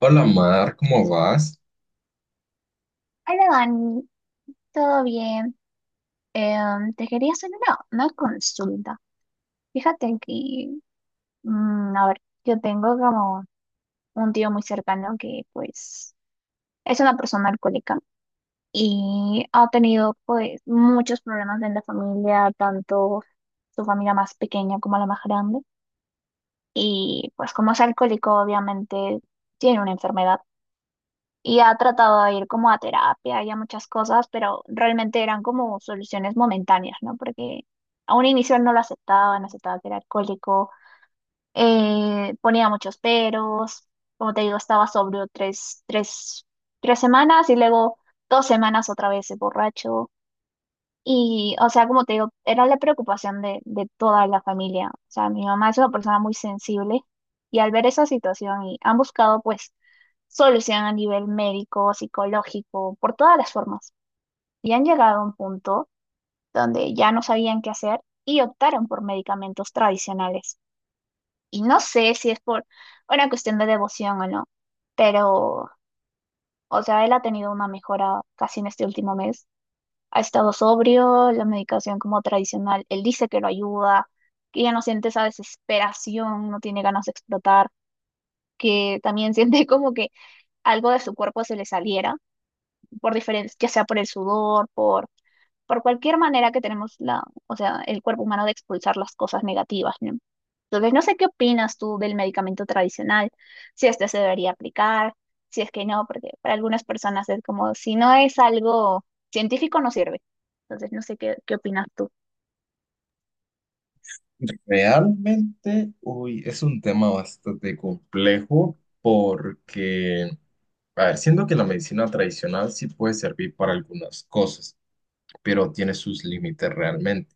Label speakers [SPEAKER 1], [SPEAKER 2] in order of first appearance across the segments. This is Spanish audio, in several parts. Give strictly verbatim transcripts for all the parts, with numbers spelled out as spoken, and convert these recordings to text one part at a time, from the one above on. [SPEAKER 1] Hola Mar, ¿cómo vas?
[SPEAKER 2] Hola Dani, ¿todo bien? Em, te quería hacer una, una consulta. Fíjate que, mm, a ver, yo tengo como un tío muy cercano que pues es una persona alcohólica y ha tenido pues muchos problemas en la familia, tanto su familia más pequeña como la más grande. Y pues como es alcohólico, obviamente tiene una enfermedad. Y ha tratado de ir como a terapia y a muchas cosas, pero realmente eran como soluciones momentáneas, ¿no? Porque a un inicio él no lo aceptaba, no aceptaba que era alcohólico, eh, ponía muchos peros, como te digo, estaba sobrio tres, tres, tres semanas y luego dos semanas otra vez borracho. Y, o sea, como te digo, era la preocupación de, de toda la familia. O sea, mi mamá es una persona muy sensible y al ver esa situación y han buscado pues solución a nivel médico, psicológico, por todas las formas. Y han llegado a un punto donde ya no sabían qué hacer y optaron por medicamentos tradicionales. Y no sé si es por una cuestión de devoción o no, pero, o sea, él ha tenido una mejora casi en este último mes ha estado sobrio, la medicación como tradicional, él dice que lo ayuda, que ya no siente esa desesperación, no tiene ganas de explotar, que también siente como que algo de su cuerpo se le saliera, por diferentes, ya sea por el sudor, por por cualquier manera que tenemos la, o sea, el cuerpo humano de expulsar las cosas negativas, ¿no? Entonces, no sé qué opinas tú del medicamento tradicional, si este se debería aplicar, si es que no, porque para algunas personas es como, si no es algo científico, no sirve. Entonces, no sé qué, qué opinas tú.
[SPEAKER 1] Realmente, uy, es un tema bastante complejo porque, a ver, siento que la medicina tradicional sí puede servir para algunas cosas, pero tiene sus límites realmente.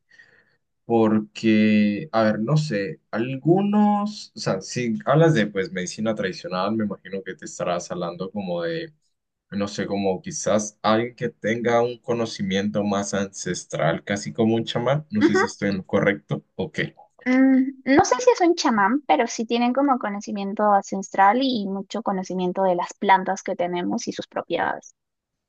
[SPEAKER 1] Porque, a ver, no sé, algunos, o sea, si hablas de pues medicina tradicional, me imagino que te estarás hablando como de no sé, como quizás alguien que tenga un conocimiento más ancestral, casi como un chamán. No sé
[SPEAKER 2] Ujú.
[SPEAKER 1] si estoy en lo correcto. Ok.
[SPEAKER 2] Mm, no sé si es un chamán, pero sí tienen como conocimiento ancestral y mucho conocimiento de las plantas que tenemos y sus propiedades.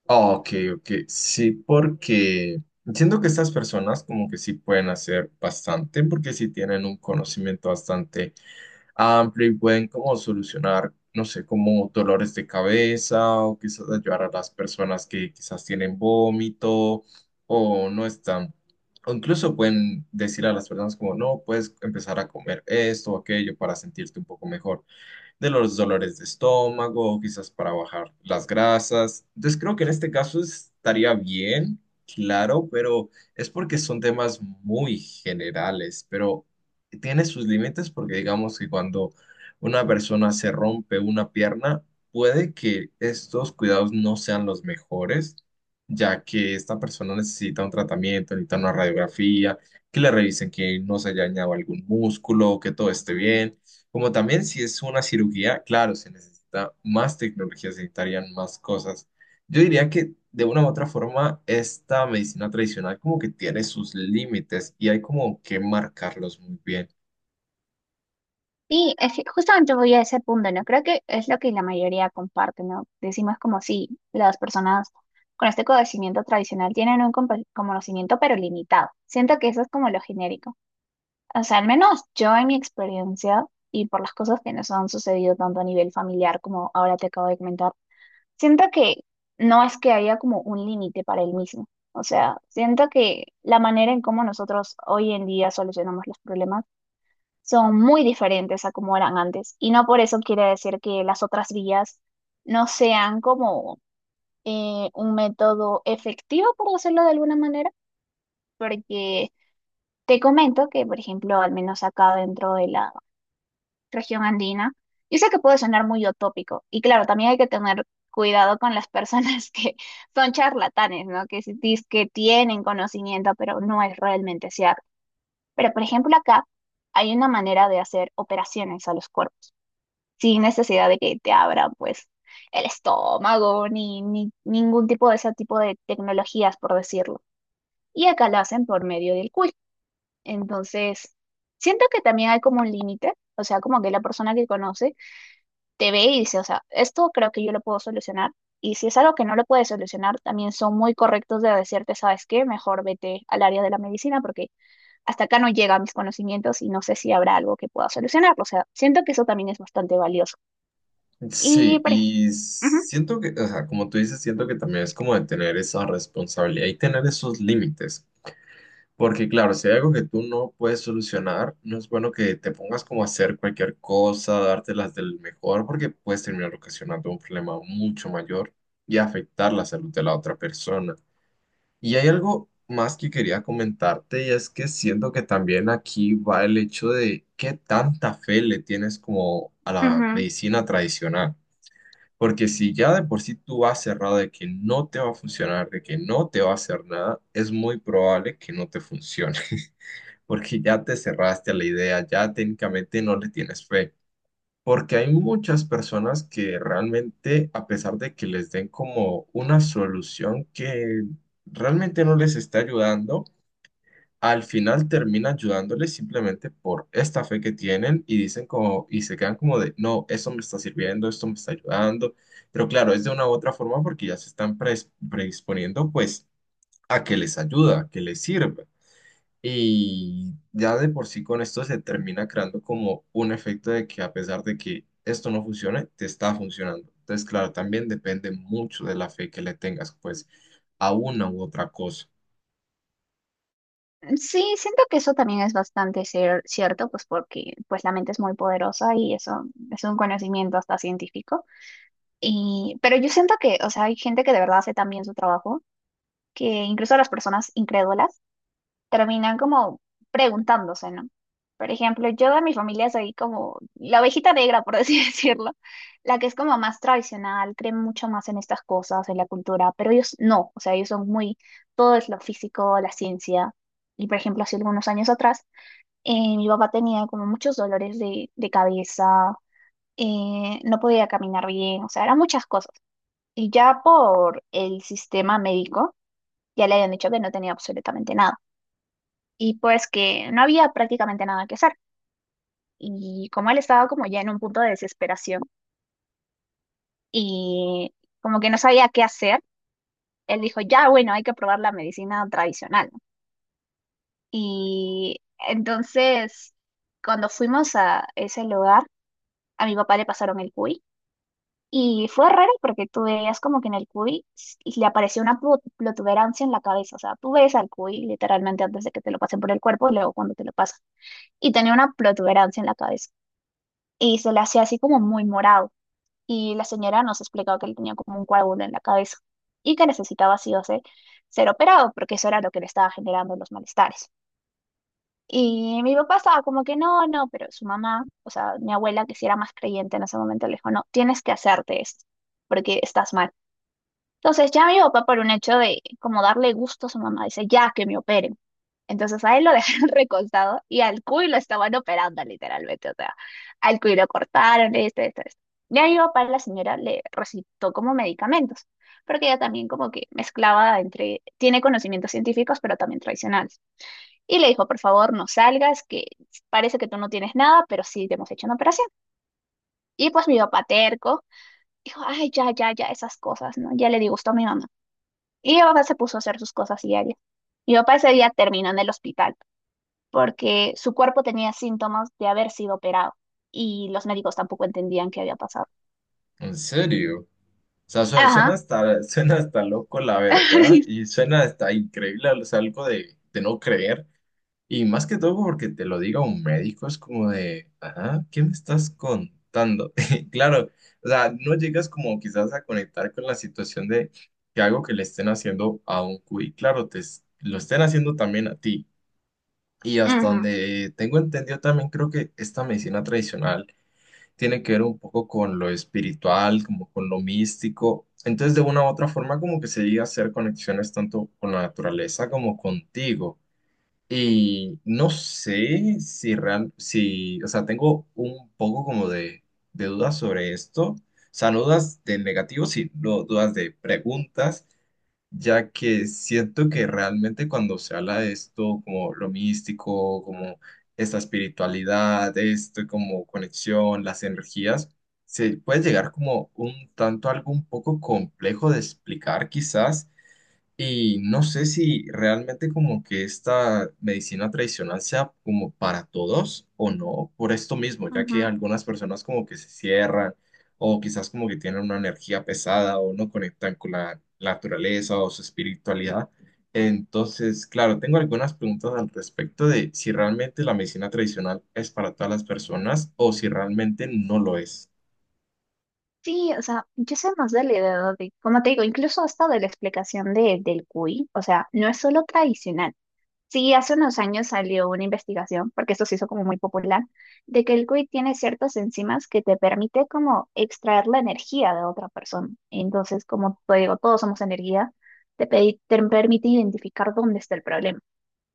[SPEAKER 1] Ok, ok. Sí, porque siento que estas personas como que sí pueden hacer bastante, porque sí tienen un conocimiento bastante amplio y pueden como solucionar, no sé, como dolores de cabeza o quizás ayudar a las personas que quizás tienen vómito o no están. O incluso pueden decir a las personas como, no, puedes empezar a comer esto o aquello para sentirte un poco mejor de los dolores de estómago, quizás para bajar las grasas. Entonces creo que en este caso estaría bien, claro, pero es porque son temas muy generales, pero tiene sus límites porque digamos que cuando una persona se rompe una pierna, puede que estos cuidados no sean los mejores, ya que esta persona necesita un tratamiento, necesita una radiografía, que le revisen que no se haya dañado algún músculo, que todo esté bien. Como también si es una cirugía, claro, se necesita más tecnología, se necesitarían más cosas. Yo diría que de una u otra forma, esta medicina tradicional como que tiene sus límites y hay como que marcarlos muy bien.
[SPEAKER 2] Sí, es que justamente voy a ese punto, ¿no? Creo que es lo que la mayoría comparte, ¿no? Decimos como si las personas con este conocimiento tradicional tienen un compa- conocimiento pero limitado. Siento que eso es como lo genérico. O sea, al menos yo en mi experiencia y por las cosas que nos han sucedido tanto a nivel familiar como ahora te acabo de comentar, siento que no es que haya como un límite para el mismo. O sea, siento que la manera en cómo nosotros hoy en día solucionamos los problemas son muy diferentes a como eran antes. Y no por eso quiere decir que las otras vías no sean como eh, un método efectivo, por decirlo de alguna manera, porque te comento que, por ejemplo, al menos acá dentro de la región andina, yo sé que puede sonar muy utópico, y claro, también hay que tener cuidado con las personas que son charlatanes, ¿no? Que dicen que tienen conocimiento, pero no es realmente cierto. Pero, por ejemplo, acá hay una manera de hacer operaciones a los cuerpos, sin necesidad de que te abran pues el estómago ni, ni ningún tipo de ese tipo de tecnologías, por decirlo. Y acá lo hacen por medio del quiz. Entonces, siento que también hay como un límite, o sea, como que la persona que conoce te ve y dice, o sea, esto creo que yo lo puedo solucionar. Y si es algo que no lo puedes solucionar, también son muy correctos de decirte, ¿sabes qué? Mejor vete al área de la medicina porque hasta acá no llegan mis conocimientos y no sé si habrá algo que pueda solucionarlo. O sea, siento que eso también es bastante valioso. Y
[SPEAKER 1] Sí,
[SPEAKER 2] pare-
[SPEAKER 1] y
[SPEAKER 2] ujú,
[SPEAKER 1] siento que, o sea, como tú dices, siento que también es como de tener esa responsabilidad y tener esos límites. Porque claro, si hay algo que tú no puedes solucionar, no es bueno que te pongas como a hacer cualquier cosa, dártelas del mejor, porque puedes terminar ocasionando un problema mucho mayor y afectar la salud de la otra persona. Y hay algo más que quería comentarte y es que siento que también aquí va el hecho de qué tanta fe le tienes como a la
[SPEAKER 2] ujú.
[SPEAKER 1] medicina tradicional. Porque si ya de por sí tú vas cerrado de que no te va a funcionar, de que no te va a hacer nada, es muy probable que no te funcione porque ya te cerraste a la idea, ya técnicamente no le tienes fe. Porque hay muchas personas que realmente, a pesar de que les den como una solución que realmente no les está ayudando, al final termina ayudándoles simplemente por esta fe que tienen y dicen como, y se quedan como de, no, eso me está sirviendo, esto me está ayudando. Pero claro, es de una u otra forma porque ya se están pres- predisponiendo pues a que les ayuda, a que les sirva. Y ya de por sí con esto se termina creando como un efecto de que a pesar de que esto no funcione, te está funcionando. Entonces, claro, también depende mucho de la fe que le tengas, pues, a una u otra cosa.
[SPEAKER 2] Sí, siento que eso también es bastante cier- cierto, pues porque pues la mente es muy poderosa y eso es un conocimiento hasta científico. Y, pero yo siento que, o sea, hay gente que de verdad hace tan bien su trabajo que incluso las personas incrédulas terminan como preguntándose, ¿no? Por ejemplo, yo de mi familia soy como la ovejita negra, por así decirlo, la que es como más tradicional, cree mucho más en estas cosas, en la cultura, pero ellos no, o sea, ellos son muy, todo es lo físico, la ciencia. Y por ejemplo, hace algunos años atrás, eh, mi papá tenía como muchos dolores de, de cabeza, eh, no podía caminar bien, o sea, eran muchas cosas. Y ya por el sistema médico, ya le habían dicho que no tenía absolutamente nada y pues que no había prácticamente nada que hacer. Y como él estaba como ya en un punto de desesperación y como que no sabía qué hacer, él dijo, ya bueno, hay que probar la medicina tradicional, ¿no? Y entonces, cuando fuimos a ese lugar, a mi papá le pasaron el cuy. Y fue raro porque tú veías como que en el cuy s- le apareció una plu- protuberancia en la cabeza. O sea, tú ves al cuy literalmente antes de que te lo pasen por el cuerpo y luego cuando te lo pasan. Y tenía una protuberancia en la cabeza y se le hacía así como muy morado. Y la señora nos explicó que él tenía como un coágulo en la cabeza y que necesitaba sí o sí ser operado porque eso era lo que le estaba generando los malestares. Y mi papá estaba como que no, no, pero su mamá, o sea, mi abuela que sí era más creyente en ese momento, le dijo, no, tienes que hacerte esto porque estás mal. Entonces ya mi papá por un hecho de como darle gusto a su mamá dice ya que me operen. Entonces a él lo dejaron recostado y al cuy lo estaban operando literalmente. O sea, al cuy lo cortaron, esto, esto, esto. Ya mi papá, la señora le recitó como medicamentos, porque ella también como que mezclaba entre, tiene conocimientos científicos, pero también tradicionales. Y le dijo, por favor, no salgas, que parece que tú no tienes nada, pero sí te hemos hecho una operación. Y pues mi papá terco dijo, ay, ya, ya, ya, esas cosas, ¿no? Ya le disgustó a mi mamá. Y mi papá se puso a hacer sus cosas diarias. Mi papá ese día terminó en el hospital porque su cuerpo tenía síntomas de haber sido operado y los médicos tampoco entendían qué había pasado.
[SPEAKER 1] En serio. O sea, suena, suena
[SPEAKER 2] Ajá.
[SPEAKER 1] hasta, suena hasta loco, la verdad, y suena hasta increíble, o sea, algo de, de no creer. Y más que todo porque te lo diga un médico, es como de, ajá, ¿qué me estás contando? Claro, o sea, no llegas como quizás a conectar con la situación de que algo que le estén haciendo a un cuy, claro, te, es- lo estén haciendo también a ti. Y hasta
[SPEAKER 2] Ujú,
[SPEAKER 1] donde tengo entendido también creo que esta medicina tradicional tiene que ver un poco con lo espiritual, como con lo místico. Entonces, de una u otra forma, como que se llega a hacer conexiones tanto con la naturaleza como contigo. Y no sé si real, si, o sea, tengo un poco como de, de dudas sobre esto. O sea, no dudas de negativos, sino dudas de preguntas, ya que siento que realmente cuando se habla de esto, como lo místico, como esta espiritualidad, esto, como conexión, las energías, se puede llegar como un tanto algo un poco complejo de explicar quizás y no sé si realmente como que esta medicina tradicional sea como para todos o no, por esto mismo, ya que
[SPEAKER 2] ujú.
[SPEAKER 1] algunas personas como que se cierran o quizás como que tienen una energía pesada o no conectan con la naturaleza o su espiritualidad. Entonces, claro, tengo algunas preguntas al respecto de si realmente la medicina tradicional es para todas las personas o si realmente no lo es.
[SPEAKER 2] Sí, o sea, yo sé más de la edad de, como te digo, incluso hasta de la explicación de, del cuy, o sea, no es solo tradicional. Sí, hace unos años salió una investigación, porque esto se hizo como muy popular, de que el cuy tiene ciertas enzimas que te permite como extraer la energía de otra persona. Entonces, como te digo, todos somos energía, te, pedi- te permite identificar dónde está el problema.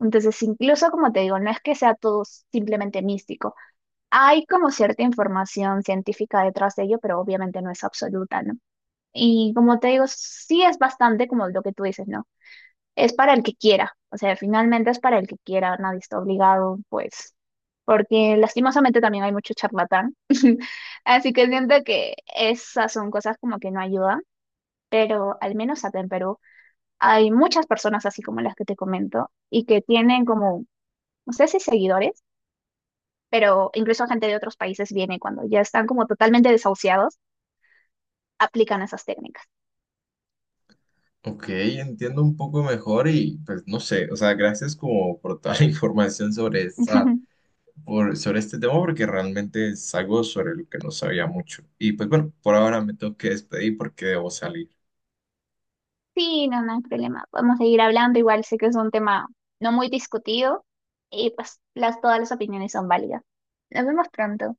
[SPEAKER 2] Entonces, incluso como te digo, no es que sea todo simplemente místico. Hay como cierta información científica detrás de ello, pero obviamente no es absoluta, ¿no? Y como te digo, sí es bastante como lo que tú dices, ¿no? Es para el que quiera, o sea, finalmente es para el que quiera, nadie está obligado, pues, porque lastimosamente también hay mucho charlatán, así que siento que esas son cosas como que no ayudan, pero al menos acá en Perú hay muchas personas así como las que te comento y que tienen como, no sé si seguidores, pero incluso gente de otros países viene cuando ya están como totalmente desahuciados, aplican esas técnicas.
[SPEAKER 1] Ok, entiendo un poco mejor y pues no sé, o sea, gracias como por toda la información sobre esta, por, sobre este tema porque realmente es algo sobre lo que no sabía mucho. Y pues bueno, por ahora me tengo que despedir porque debo salir.
[SPEAKER 2] Sí, no, no hay problema. Podemos seguir hablando. Igual sé que es un tema no muy discutido y pues las, todas las opiniones son válidas. Nos vemos pronto.